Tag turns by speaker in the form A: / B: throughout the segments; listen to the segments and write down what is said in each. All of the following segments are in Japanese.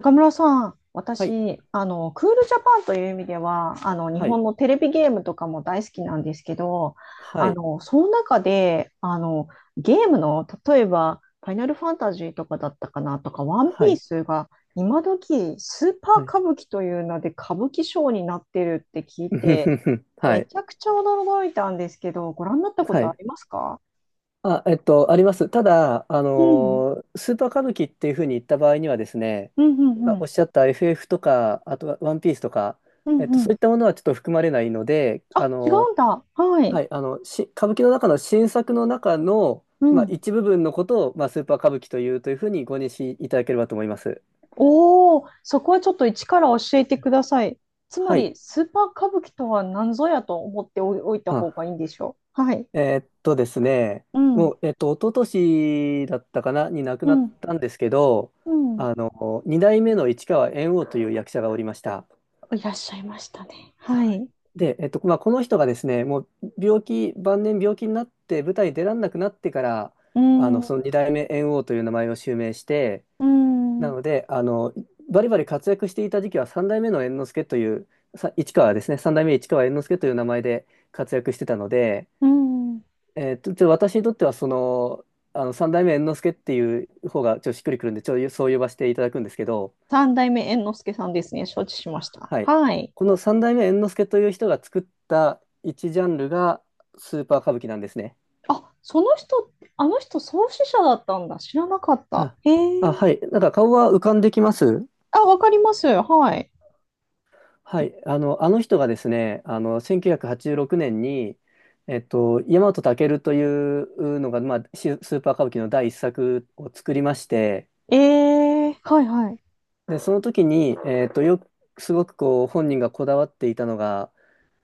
A: 中村さん、
B: はい、
A: 私、クールジャパンという意味では、日
B: はい、
A: 本のテレビゲームとかも大好きなんですけど、
B: はい、
A: その中で、ゲームの、例えば、ファイナルファンタジーとかだったかなとか、ワン
B: は
A: ピー
B: い、
A: スが、今時、スーパー
B: はい。
A: 歌舞伎という名で歌舞伎賞になってるって聞 い
B: うふ
A: て、
B: ふふは
A: め
B: い、
A: ちゃくちゃ驚いたんですけど、ご覧になったこ
B: は
A: とあ
B: い。
A: りますか？
B: あ、あります。ただ、
A: うん。
B: スーパー歌舞伎っていうふうに言った場合にはですね、
A: うんうん
B: 今
A: う
B: お
A: ん。
B: っしゃった FF とか、あとはワンピースとか、
A: うんう
B: そう
A: ん。
B: いったものはちょっと含まれないので、
A: あ、違うんだ。はい。
B: はい、歌舞伎の中の新作の中の、
A: う
B: まあ、
A: ん。
B: 一部分のことを、まあ、スーパー歌舞伎というふうにご認識いただければと思います。
A: おお、そこはちょっと一から教えてください。つま
B: はい。
A: り、スーパー歌舞伎とは何ぞやと思っておいた方がいい
B: あ
A: んでしょう。はい。
B: ですね、
A: う
B: も
A: ん、
B: う、一昨年だったかな、に亡く
A: う
B: なっ
A: ん、
B: たんですけど、
A: うん。
B: 二代目の市川猿翁という役者がおりました。
A: いらっしゃいましたね。は
B: はい。
A: い。
B: で、まあ、この人がですね、もう病気、晩年病気になって舞台に出られなくなってから、
A: うん、う
B: その二代目猿翁という名前を襲名して、
A: ん、
B: なので、バリバリ活躍していた時期は三代目の猿之助という、市川ですね、三代目市川猿之助という名前で活躍してたので、
A: うん。
B: 私にとっては、三代目猿之助っていう方が、ちょっとしっくりくるんで、そう呼ばせていただくんですけど、
A: 三代目猿之助さんですね。承知しました。
B: はい。
A: はい。
B: この三代目猿之助という人が作った一ジャンルが、スーパー歌舞伎なんですね。
A: あ、その人、あの人創始者だったんだ。知らなかった。
B: あ、
A: へ
B: あ、
A: え。
B: はい。なんか顔は浮かんできます。
A: あ、わかります。はい。
B: はい。あの人がですね、1986年に、大和健というのが、まあ、スーパー歌舞伎の第一作を作りまして、
A: ええ、はいはい。
B: で、その時に、よく、すごくこう、本人がこだわっていたのが、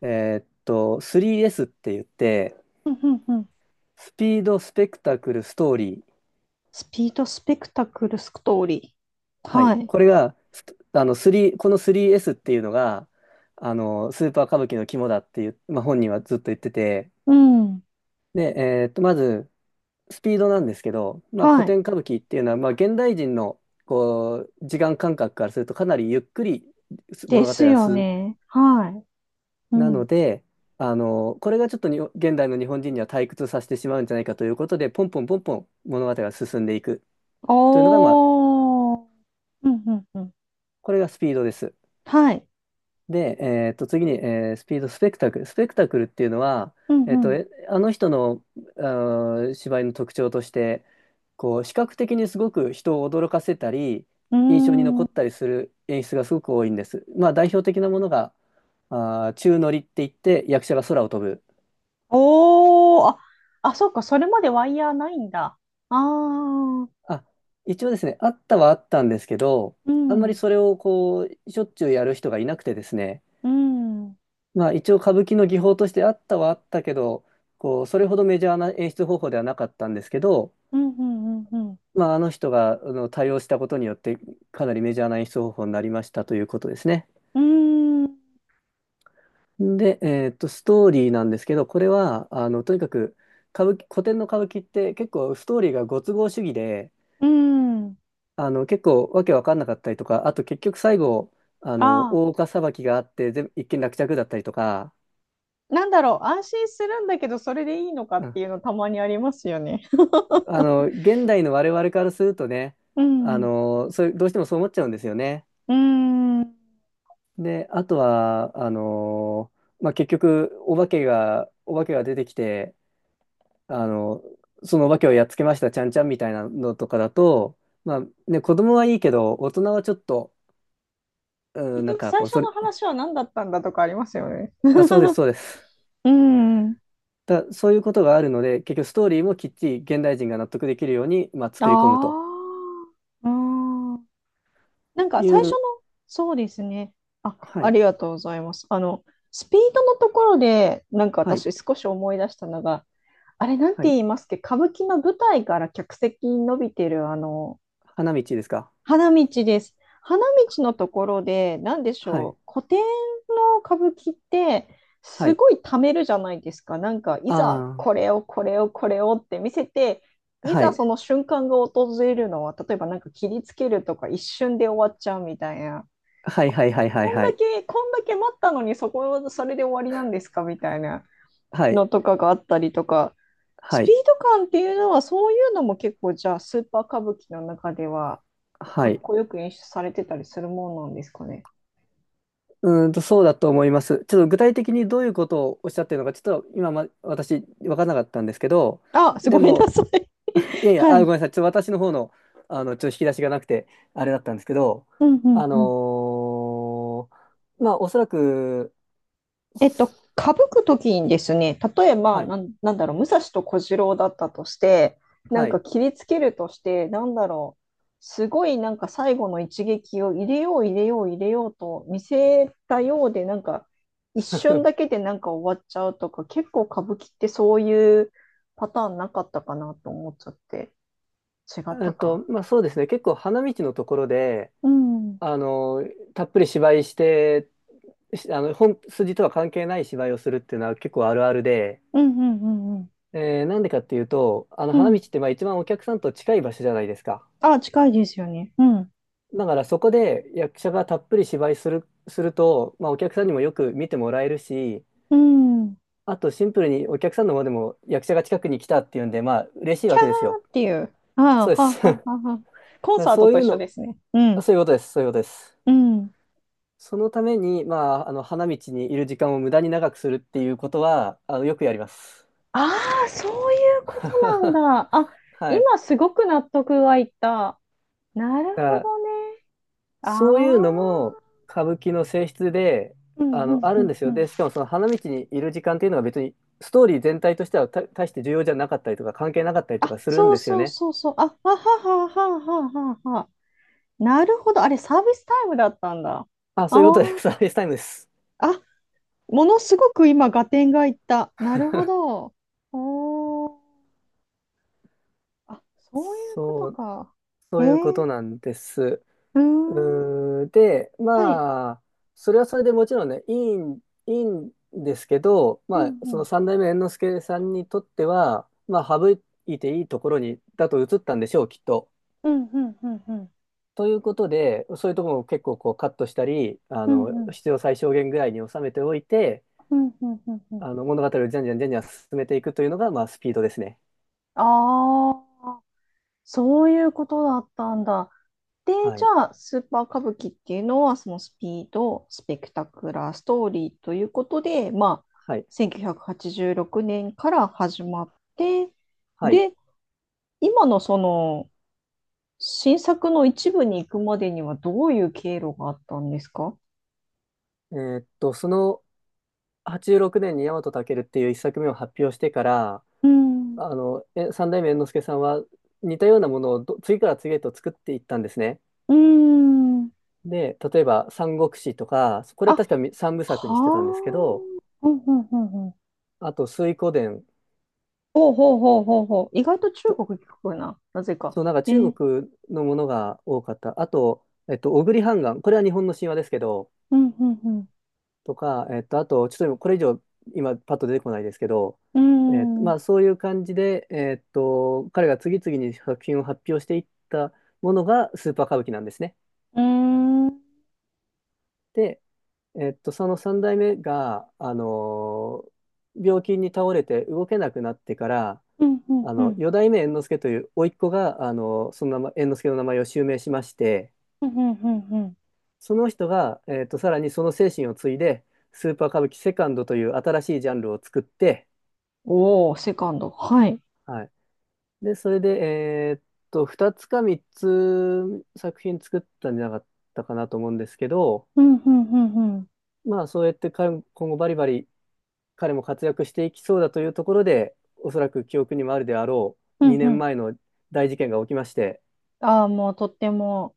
B: 3S って言って、
A: うんうんうん。
B: スピード、スペクタクル、ストーリー。
A: スピードスペクタクルストーリー。
B: は
A: は
B: い。
A: い。
B: これが、スあの、3、この 3S っていうのが、スーパー歌舞伎の肝だっていう、まあ、本人はずっと言ってて、
A: うん。
B: で、まず、スピードなんですけど、まあ、古
A: はい。
B: 典歌舞伎っていうのは、まあ、現代人の、こう、時間感覚からすると、かなりゆっくり
A: で
B: 物語
A: す
B: が
A: よね。はい。う
B: なの
A: ん。
B: で、これがちょっとに現代の日本人には退屈させてしまうんじゃないかということで、ポンポンポンポン物語が進んでいくというのが、まあ、
A: おー。うんうんうん。
B: これがスピードです。
A: はい。
B: で、次に、スピードスペクタクル。スペクタクルっていうのは、
A: うん
B: あの人の、芝居の特徴として、こう、視覚的にすごく人を驚かせたり、
A: う
B: 印象に
A: ん。うー
B: 残っ
A: ん。
B: たりする演出がすごく多いんです。まあ、代表的なものが、宙乗りって言って、役者が空を飛ぶ。
A: おー。あ、あ、そうか。それまでワイヤーないんだ。あー。
B: あ、一応ですね、あったはあったんですけど、
A: う
B: あんまり
A: ん。
B: それをこう、しょっちゅうやる人がいなくてですね、
A: うん。うん
B: まあ一応歌舞伎の技法としてあったはあったけど、こう、それほどメジャーな演出方法ではなかったんですけど、
A: うんうん
B: まああの人が対応したことによってかなりメジャーな演出方法になりましたということですね。
A: うん。うーん。
B: で、ストーリーなんですけど、これは、とにかく歌舞伎、古典の歌舞伎って結構ストーリーがご都合主義で、
A: うん。
B: 結構わけわかんなかったりとか、あと結局最後、
A: あ
B: 大岡裁きがあって、全部一件落着だったりとか、
A: ー。なんだろう。安心するんだけど、それでいいのか
B: う
A: って
B: ん、
A: いうのたまにありますよね。
B: 現代の我々からするとね、
A: うん。
B: そういう、どうしてもそう思っちゃうんですよね。
A: うーん。
B: で、あとは、まあ、結局、お化けが出てきて、あの、そのお化けをやっつけました、ちゃんちゃんみたいなのとかだと、まあ、ね、子供はいいけど、大人はちょっと、うん、
A: 結
B: なん
A: 局
B: か
A: 最
B: こう、
A: 初
B: それ、
A: の話は何だったんだとかありますよね。
B: あ、そうです、そうです。
A: うん。
B: そういうことがあるので、結局ストーリーもきっちり現代人が納得できるように、まあ、作り込む
A: あ
B: と
A: あ。うん。なんか
B: い
A: 最初の、
B: う、
A: そうですね。あ、
B: は
A: あ
B: い、
A: りがとうございます。スピードのところで、なんか
B: はい、
A: 私少し思い出したのが、あれなん
B: は
A: て
B: い。
A: 言いますっけ、歌舞伎の舞台から客席に伸びてる、
B: 花道ですか？
A: 花道です。花道のところで、なんでし
B: はい、
A: ょう、古典の歌舞伎って、
B: は
A: す
B: い。
A: ごい貯めるじゃないですか。なんか、いざ、
B: あ
A: これを、これを、これをって見せて、
B: あ、
A: い
B: は
A: ざ
B: い、
A: その瞬間が訪れるのは、例えばなんか切りつけるとか、一瞬で終わっちゃうみたいな。
B: はい、はい、はい、はい、
A: こん
B: は
A: だ
B: い、
A: け、こんだけ待ったのに、それで終わりなんですかみたいな
B: はい、
A: のとかがあったりとか、ス
B: は
A: ピー
B: い、
A: ド感っていうのは、そういうのも結構、じゃあ、スーパー歌舞伎の中では、
B: は
A: かっ
B: い。
A: こよく演出されてたりするもんなんですかね？
B: そうだと思います。ちょっと具体的にどういうことをおっしゃってるのか、ちょっと今、私、分からなかったんですけど、
A: あ、すご
B: で
A: めんな
B: も、
A: さい。
B: いやいや、あ、
A: は
B: ご
A: い。
B: めんなさい。ちょっと私の方の、ちょっと引き出しがなくて、あれだったんですけど、
A: うんうん
B: あの
A: うん。
B: まあ、おそらく、
A: 歌舞くときにですね、例えば、
B: はい、
A: なんだろう、武蔵と小次郎だったとして、なん
B: は
A: か
B: い。
A: 切りつけるとして、なんだろう、すごいなんか最後の一撃を入れよう入れよう入れようと見せたようで、なんか一瞬 だけでなんか終わっちゃうとか、結構歌舞伎ってそういうパターンなかったかなと思っちゃって、違ったか。
B: まあ、そうですね。結構花道のところで、
A: うん。
B: たっぷり芝居して、しあの、本筋とは関係ない芝居をするっていうのは結構あるあるで、
A: うんうんうんうん。
B: なんでかっていうと、
A: う
B: 花道っ
A: ん。
B: てまあ一番お客さんと近い場所じゃないですか。
A: あ、近いですよね。うん。
B: だからそこで役者がたっぷり芝居する、すると、まあ、お客さんにもよく見てもらえるし、
A: うん。
B: あとシンプルにお客さんの方でも役者が近くに来たっていうんで、まあ嬉しい
A: キャ
B: わけですよ。
A: ーっていう。ああ、
B: そうで
A: は
B: す。
A: あ、
B: だ
A: は
B: か
A: あ、はあ。はあ。コン
B: ら
A: サート
B: そうい
A: と
B: う
A: 一緒
B: の、
A: ですね。うん。
B: そういうことです。そういうことです。
A: うん。
B: そのために、まあ、あの花道にいる時間を無駄に長くするっていうことは、よくやります。
A: ああ、そういうことなん だ。あ、
B: はい。
A: 今すごく納得がいった。なる
B: だか
A: ほ
B: ら
A: どね。あ
B: そういうのも
A: あ。
B: 歌舞伎の性質で、
A: うんうん
B: あ
A: う
B: るん
A: ん
B: です
A: う
B: よ。
A: ん。
B: で、しかもその花道にいる時間っていうのが別にストーリー全体としては大して重要じゃなかったりとか関係なかったりと
A: あ、
B: かするん
A: そう
B: ですよ
A: そう
B: ね。
A: そうそう。あ、ははははははは。なるほど。あれ、サービスタイムだったんだ。あ
B: あ、そういうことで
A: あ。
B: す。サービスタイムです。
A: あ。ものすごく今、合点がいった。なるほど。おー。あ、そういうこと
B: そう、
A: か。へ
B: そういうこ
A: え。
B: となんです。
A: うーん。
B: で、
A: はい。
B: まあ、それはそれでもちろんね、いいんですけど、
A: う
B: ま
A: ん
B: あ、そ
A: う
B: の
A: ん。
B: 三代目猿之助さんにとっては、まあ、省いていいところに、だと映ったんでしょう、きっと。
A: うんうんうんうん。
B: ということで、そういうところを結構こうカットしたり、
A: うんうん。
B: 必要最小限ぐらいに収めておいて、
A: うんうんうんうん。
B: 物語をじゃんじゃんじゃんじゃん進めていくというのが、まあ、スピードですね。
A: ああ、そういうことだったんだ。で、
B: は
A: じ
B: い。
A: ゃあ、スーパー歌舞伎っていうのは、そのスピード、スペクタクラー、ストーリーということで、まあ、
B: はい。
A: 1986年から始まって、
B: はい。
A: で、今のその新作の一部に行くまでにはどういう経路があったんですか？
B: その86年に大和健っていう一作目を発表してから、
A: うん。
B: 三代目猿之助さんは似たようなものを次から次へと作っていったんですね。
A: うん。ん。
B: で、例えば、三国志とか、こ
A: あ、
B: れは
A: は
B: 確か三部作
A: あ。
B: にしてたんですけど、
A: ほうんうんうん。
B: あと、水滸伝、
A: ほうほうほうほうほう。意外と中国聞くな。なぜか。
B: そう、なんか
A: え
B: 中
A: ー。
B: 国のものが多かった。あと、小栗半ンこれは日本の神話ですけど、
A: うんうん
B: とか、あと、ちょっと今これ以上、今、パッと出てこないですけど、
A: うん。うーん。
B: ま
A: う
B: あ、そういう感じで、彼が次々に作品を発表していったものがスーパー歌舞伎なんですね。
A: ーん。
B: で、その三代目が、病気に倒れて動けなくなってから、
A: うんうんうん。
B: 四代目猿之助という甥っ子が、その名前、猿之助の名前を襲名しまして、
A: うんうんうん。うん。
B: その人が、さらにその精神を継いで、スーパー歌舞伎セカンドという新しいジャンルを作って、
A: おお、セカンド。はい。
B: はい。で、それで、2つか3つ作品作ったんじゃなかったかなと思うんですけど、
A: うんうんうんうん。
B: まあ、そうやって彼も今後バリバリ彼も活躍していきそうだというところで、おそらく記憶にもあるであろ
A: う
B: う
A: ん
B: 2
A: うん。
B: 年前の大事件が起きまして、
A: ああ、もうとっても。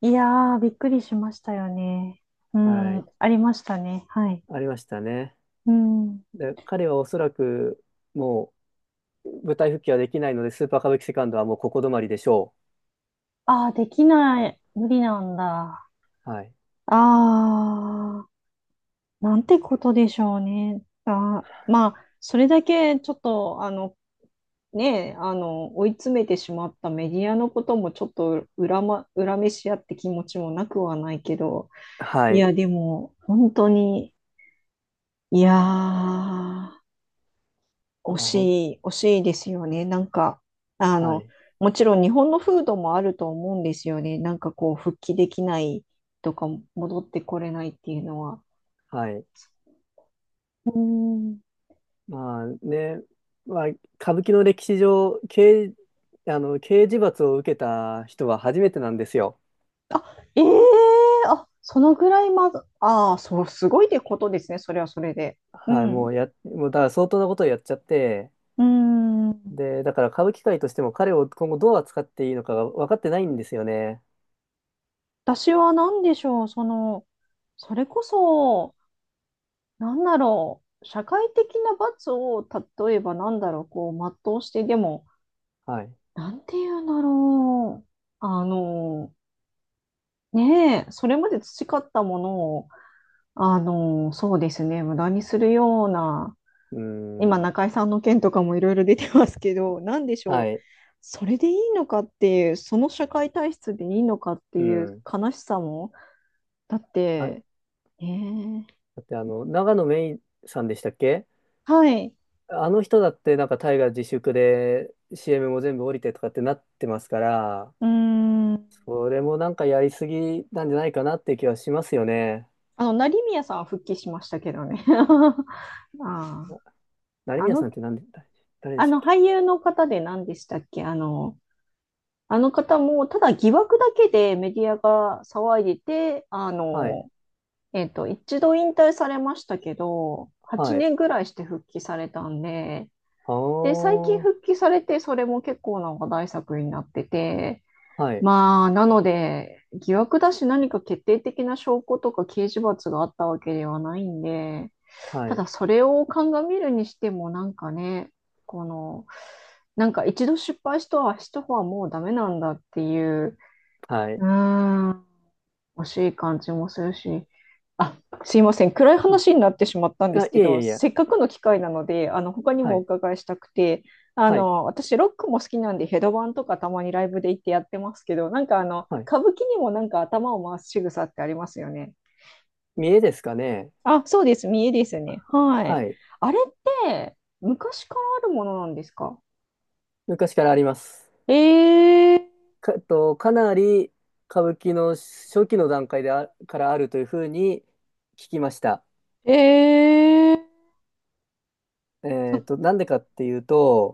A: いやー、びっくりしましたよね。う
B: は
A: ん。
B: い、
A: ありましたね。はい。
B: ありましたね。
A: うん。
B: で、彼はおそらくもう舞台復帰はできないので、スーパー歌舞伎セカンドはもうここ止まりでしょう。
A: ああ、できない。無理なんだ。
B: はい。
A: ああ、なんてことでしょうね。あー、まあ、それだけちょっと、ねえ、追い詰めてしまったメディアのこともちょっと恨めし合って気持ちもなくはないけど、
B: は
A: い
B: い。
A: や、でも、本当に、いやー、
B: い
A: 惜
B: や、
A: しい、惜しいですよね。なんか、あ
B: は
A: の、
B: い。
A: もちろん日本の風土もあると思うんですよね。なんかこう、復帰できないとか、戻ってこれないっていうのは。
B: はい。
A: うーん。
B: まあね、まあ、歌舞伎の歴史上、刑、あの、刑事罰を受けた人は初めてなんですよ。
A: あ、ええ、あ、そのぐらいまず、ああ、そう、すごいってことですね。それはそれで。う
B: はい。
A: ん。う
B: もうだから相当なことをやっちゃって、
A: ーん。
B: で、だから歌舞伎界としても彼を今後どう扱っていいのかが分かってないんですよね。
A: 私は何でしょう。その、それこそ、なんだろう。社会的な罰を、例えばなんだろう、こう、全うして、でも、
B: はい。
A: なんていうんだろう。あの、ねえ、それまで培ったものを、そうですね、無駄にするような、
B: うー
A: 今、
B: ん。
A: 中井さんの件とかもいろいろ出てますけど、なんでしょ
B: は
A: う。
B: い。
A: それでいいのかっていう、その社会体質でいいのかって
B: う
A: いう
B: ん。
A: 悲しさも、だっ
B: あ、だ
A: て、ね
B: って長野芽いさんでしたっけ？
A: え。はい。
B: あの人だってなんか大河自粛で CM も全部降りてとかってなってますから、
A: うーん。
B: それもなんかやりすぎなんじゃないかなっていう気はしますよね。
A: 成宮さんは復帰しましたけどね。あ
B: な成
A: あ、
B: 宮さんって誰で
A: あ
B: したっ
A: の
B: け？
A: 俳優の方で何でしたっけ？あの方も、ただ疑惑だけでメディアが騒いでて、
B: はい、
A: 一度引退されましたけど、8
B: はい。
A: 年ぐらいして復帰されたんで、
B: あ
A: で、最近
B: ー、
A: 復帰されて、それも結構な話題作になってて、
B: はい、
A: まあ、なので、疑惑だし何か決定的な証拠とか刑事罰があったわけではないんで、
B: は
A: た
B: い、
A: だそれを鑑みるにしてもなんかね、この、なんか一度失敗した人は、もうダメなんだっていう、
B: はい。
A: うーん、惜しい感じもするし、あ、すいません、暗い
B: は
A: 話に
B: い、
A: なってしまったんで
B: あ、
A: す
B: い
A: け
B: えい
A: ど、
B: えいえ、
A: せっかくの機会なので、他に
B: は
A: もお
B: い、
A: 伺いしたくて、
B: はい、
A: 私、ロックも好きなんで、ヘドバンとかたまにライブで行ってやってますけど、なんか
B: はい。
A: 歌舞伎にもなんか頭を回す仕草ってありますよね。
B: 見栄ですかね？
A: あ、そうです、見えですね。はい。
B: はい。
A: あれって昔からあるものなんですか？
B: 昔からあります。
A: えー、
B: か、えっと、かなり歌舞伎の初期の段階からあるというふうに聞きました。
A: えー、そ
B: なんでかっていう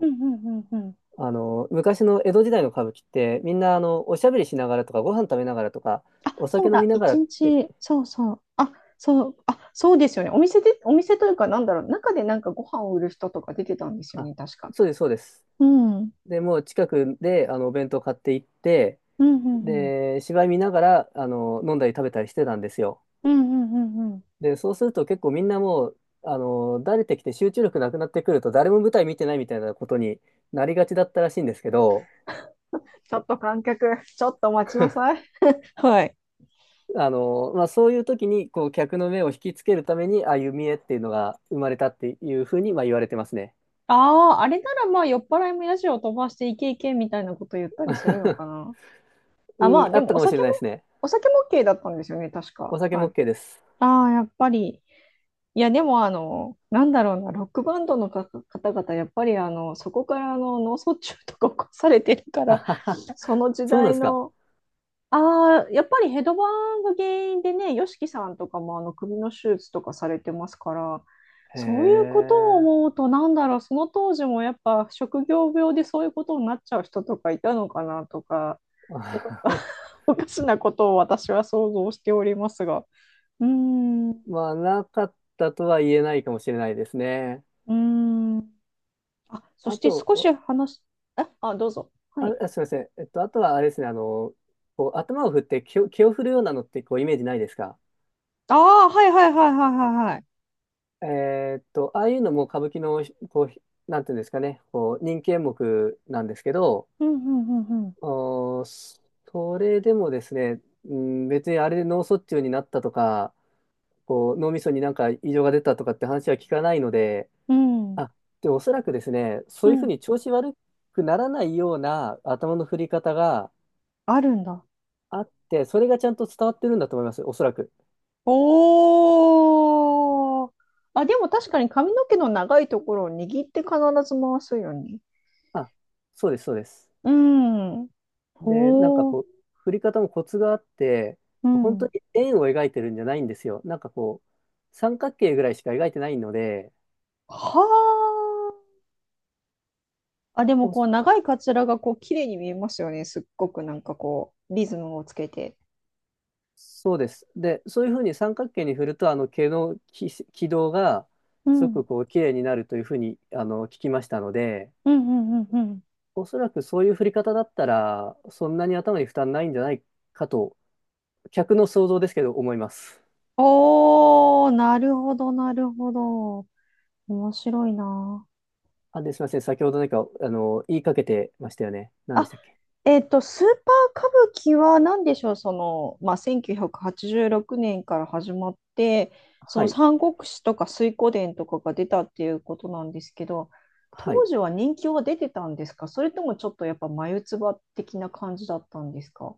A: うんうんうんうん。
B: 昔の江戸時代の歌舞伎って、みんな、おしゃべりしながらとか、ご飯食べながらとか、
A: あ、
B: お
A: そ
B: 酒
A: う
B: 飲
A: だ、
B: みながら
A: 一
B: って、
A: 日、そうそう、あ、そう、あ、そうですよね。お店で、お店というか、なんだろう、中でなんかご飯を売る人とか出てたんですよ
B: あ、
A: ね、確か。
B: そうです、そうです。
A: うん、うん、
B: で、もう近くで、お弁当買って行って、
A: うん、うん、
B: で、芝居見ながら、飲んだり食べたりしてたんですよ。
A: うん、うんうんうん。
B: で、そうすると結構みんなもう、慣れてきて集中力なくなってくると、誰も舞台見てないみたいなことになりがちだったらしいんですけど、
A: ちょっと観客、ちょっと待ちな さい。はい。
B: まあ、そういう時に、こう、客の目を引きつけるために、ああいう見栄っていうのが生まれたっていうふうに、まあ、言われてますね。
A: ああ、あれならまあ酔っ払いもヤジを飛ばしていけいけみたいなこと言ったりするのか な。
B: う
A: あ、ま
B: ん、
A: あ
B: あ
A: で
B: っ
A: も
B: た
A: お
B: かもしれ
A: 酒も、
B: ないですね。
A: お酒も OK だったんですよね、確か。
B: お酒
A: は
B: も
A: い。
B: OK です。
A: ああ、やっぱり。いや、でも、あの、なんだろうな、ロックバンドのか方々、やっぱり、あの、そこから脳卒中とか起こされてるから、その時
B: そうなんで
A: 代
B: すか。
A: の、やっぱりヘドバンが原因でね、YOSHIKI さんとかも首の手術とかされてますから、
B: へ
A: そういうことを
B: え。
A: 思うと、その当時もやっぱ職業病でそういうことになっちゃう人とかいたのかなとか、おか、おかしなことを私は想像しておりますが。うーん、う
B: まあ、なかったとは言えないかもしれないですね。
A: ーん。あ、そ
B: あ
A: して
B: と、
A: 少し
B: お
A: 話す、あ、どうぞ。は
B: あ、
A: い。
B: あすみません。あとはあれですね、こう、頭を振って気を振るようなのって、こう、イメージないですか？
A: ああ、はいはいはいはいはいはい。
B: ああいうのも歌舞伎の、こう、なんていうんですかね、こう、人気演目なんですけど、
A: うんうんうん
B: おーそそれでもですね、うん、別にあれで脳卒中になったとか、こう、脳みそになんか異常が出たとかって話は聞かないので、
A: うん。
B: あ、で、おそらくですね、そ
A: う
B: ういう
A: ん。
B: ふ
A: う
B: う
A: ん。
B: に調子悪くならないような頭の振り方が
A: あるんだ。
B: あって、それがちゃんと伝わってるんだと思います、おそらく。
A: おー。あ、でも確かに髪の毛の長いところを握って必ず回すよね。
B: あ、そうです、そうです。
A: うん。
B: で、なんか
A: おー。
B: こう、振り方もコツがあって、
A: う
B: 本当
A: ん。
B: に円を描いてるんじゃないんですよ。なんかこう、三角形ぐらいしか描いてないので、
A: はあ。あ、でも
B: お
A: こう長いカツラがこう綺麗に見えますよね。すっごくなんかこうリズムをつけて。
B: そうです。で、そういうふうに三角形に振ると、毛の軌道が、
A: う
B: すご
A: ん。
B: くこう、綺麗になるというふうに、聞きましたので、
A: うんうんうんうん。
B: おそらくそういう振り方だったら、そんなに頭に負担ないんじゃないかと、客の想像ですけど、思います。
A: おー、なるほど、なるほど。面白いな。
B: あ、で、すみません。先ほど何か、言いかけてましたよね。何でし
A: あ、
B: たっけ？
A: スーパー歌舞伎は何でしょう、その、まあ、1986年から始まって、そ
B: は
A: の
B: い。
A: 三国志とか水滸伝とかが出たっていうことなんですけど、
B: は
A: 当
B: い。
A: 時は人気は出てたんですか？それともちょっとやっぱ眉唾的な感じだったんですか？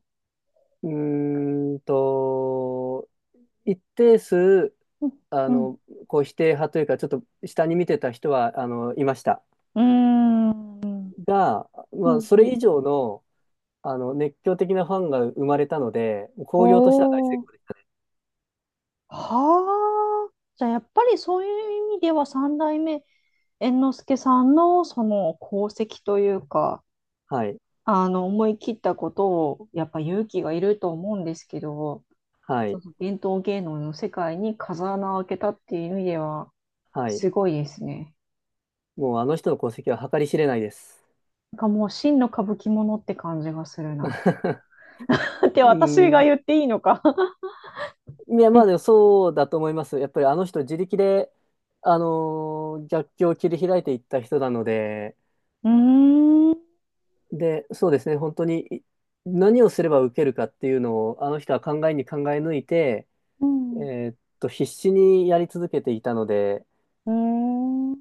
B: うーんと、一定数、
A: うん
B: あ
A: うん
B: の、こう否定派というか、ちょっと下に見てた人は、いました。
A: うーんうん
B: が、
A: う
B: まあ、それ
A: ん
B: 以上の、熱狂的なファンが生まれたので、
A: お
B: 興行としては大成
A: ー
B: 功です。
A: はあ。じゃあ、やっぱりそういう意味では三代目猿之助さんのその功績というか、
B: はい。
A: 思い切ったことをやっぱ勇気がいると思うんですけど、
B: は
A: その
B: い。
A: 伝統芸能の世界に風穴を開けたっていう意味では
B: はい。
A: すごいですね。
B: もうあの人の功績は計り知れないです。
A: なんかもう真の歌舞伎者って感じがするな。って
B: う
A: 私
B: ー
A: が
B: ん。
A: 言っていいのか。
B: いや、まあ、で
A: え、
B: もそうだと思います。やっぱりあの人自力で、逆境を切り開いていった人なので、
A: うーん、
B: で、そうですね、本当に何をすれば受けるかっていうのを、あの人は考えに考え抜いて、
A: うん、
B: 必死にやり続けていたので、
A: うーん、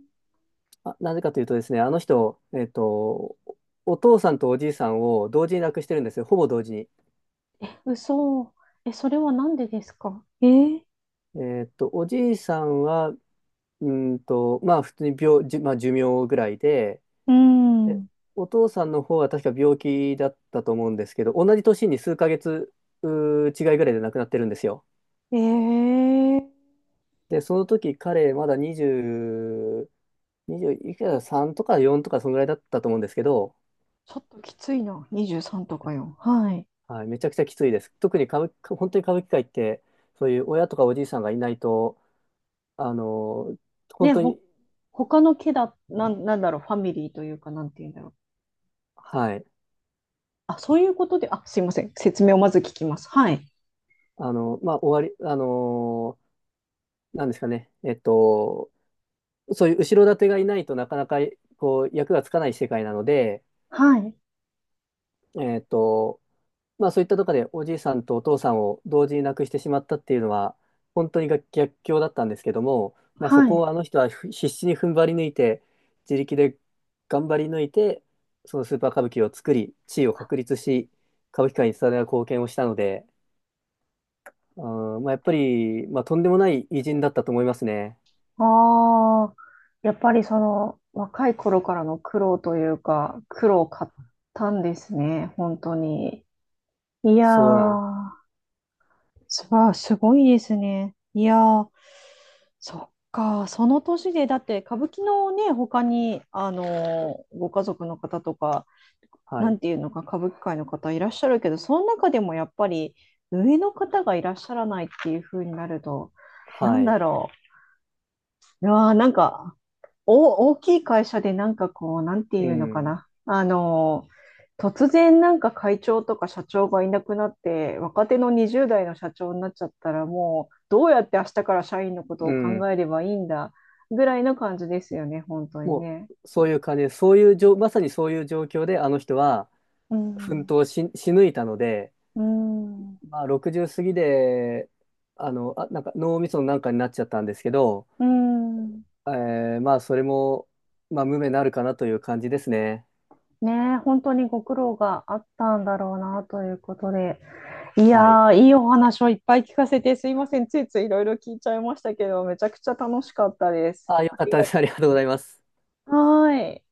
B: あ、なぜかというとですね、あの人、お父さんとおじいさんを同時に亡くしてるんですよ、ほぼ同時に。
A: 嘘。え、それはなんでですか？えー
B: おじいさんは、まあ、普通にまあ、寿命ぐらいで、
A: う
B: で
A: ん。
B: お父さんの方は確か病気だったと思うんですけど、同じ年に数ヶ月、違いぐらいで亡くなってるんですよ。
A: ええ、
B: で、その時彼、まだ20、20、にじゅういくら3とか4とか、そのぐらいだったと思うんですけど、
A: ちょっときついな。23とかよ。はい。
B: はい、めちゃくちゃきついです。特に歌舞伎、本当に歌舞伎界って、そういう親とかおじいさんがいないと、あの、本
A: ね、
B: 当
A: ほ、
B: に、
A: 他の家だ、なん、なんだろう、ファミリーというか、なんていうんだろう。
B: はい、
A: あ、そういうことで、あ、すいません。説明をまず聞きます。はい。
B: まあ、終わり、なんですかね、そういう後ろ盾がいないとなかなか、こう、役がつかない世界なので、
A: はい。
B: えっと、まあそういったとこでおじいさんとお父さんを同時に亡くしてしまったっていうのは本当にが逆境だったんですけども、まあ、そ
A: は
B: こ
A: い。
B: をあの人は必死に踏ん張り抜いて自力で頑張り抜いてそのスーパー歌舞伎を作り地位を確立し歌舞伎界に伝わる貢献をしたので、うんまあ、やっぱり、まあ、とんでもない偉人だったと思いますね。
A: ああ、やっぱりその、若い頃からの苦労というか、苦労を買ったんですね。本当に。いや
B: そうなん、
A: ー、すわあ、すごいですね。いやー、そっか、その年で、だって歌舞伎のね、他に、ご家族の方とか、
B: は
A: な
B: い、
A: んていうのか、歌舞伎界の方いらっしゃるけど、その中でもやっぱり上の方がいらっしゃらないっていう風になると、な
B: は
A: ん
B: い、
A: だろう。いやーなんか、大きい会社でなんかこう、なんて
B: う
A: いうのか
B: ん、
A: な。突然なんか会長とか社長がいなくなって、若手の20代の社長になっちゃったら、もうどうやって明日から社員のこと
B: う
A: を考
B: ん、
A: えればいいんだぐらいな感じですよね、本当に
B: も
A: ね。
B: うそういう感じでそういう状まさにそういう状況であの人は
A: う
B: 奮
A: ん、
B: 闘し抜いたので、
A: うん、
B: まあ、60過ぎで、なんか脳みそのなんかになっちゃったんですけど、
A: うん。
B: まあ、それも、まあ、無名になるかなという感じですね。
A: ねえ、本当にご苦労があったんだろうなということで。い
B: はい。
A: やー、いいお話をいっぱい聞かせてすいません。ついついいろいろ聞いちゃいましたけど、めちゃくちゃ楽しかったです。
B: あ、よ
A: あ
B: かっ
A: り
B: たで
A: がと
B: す。ありがとうございます。
A: う。はーい。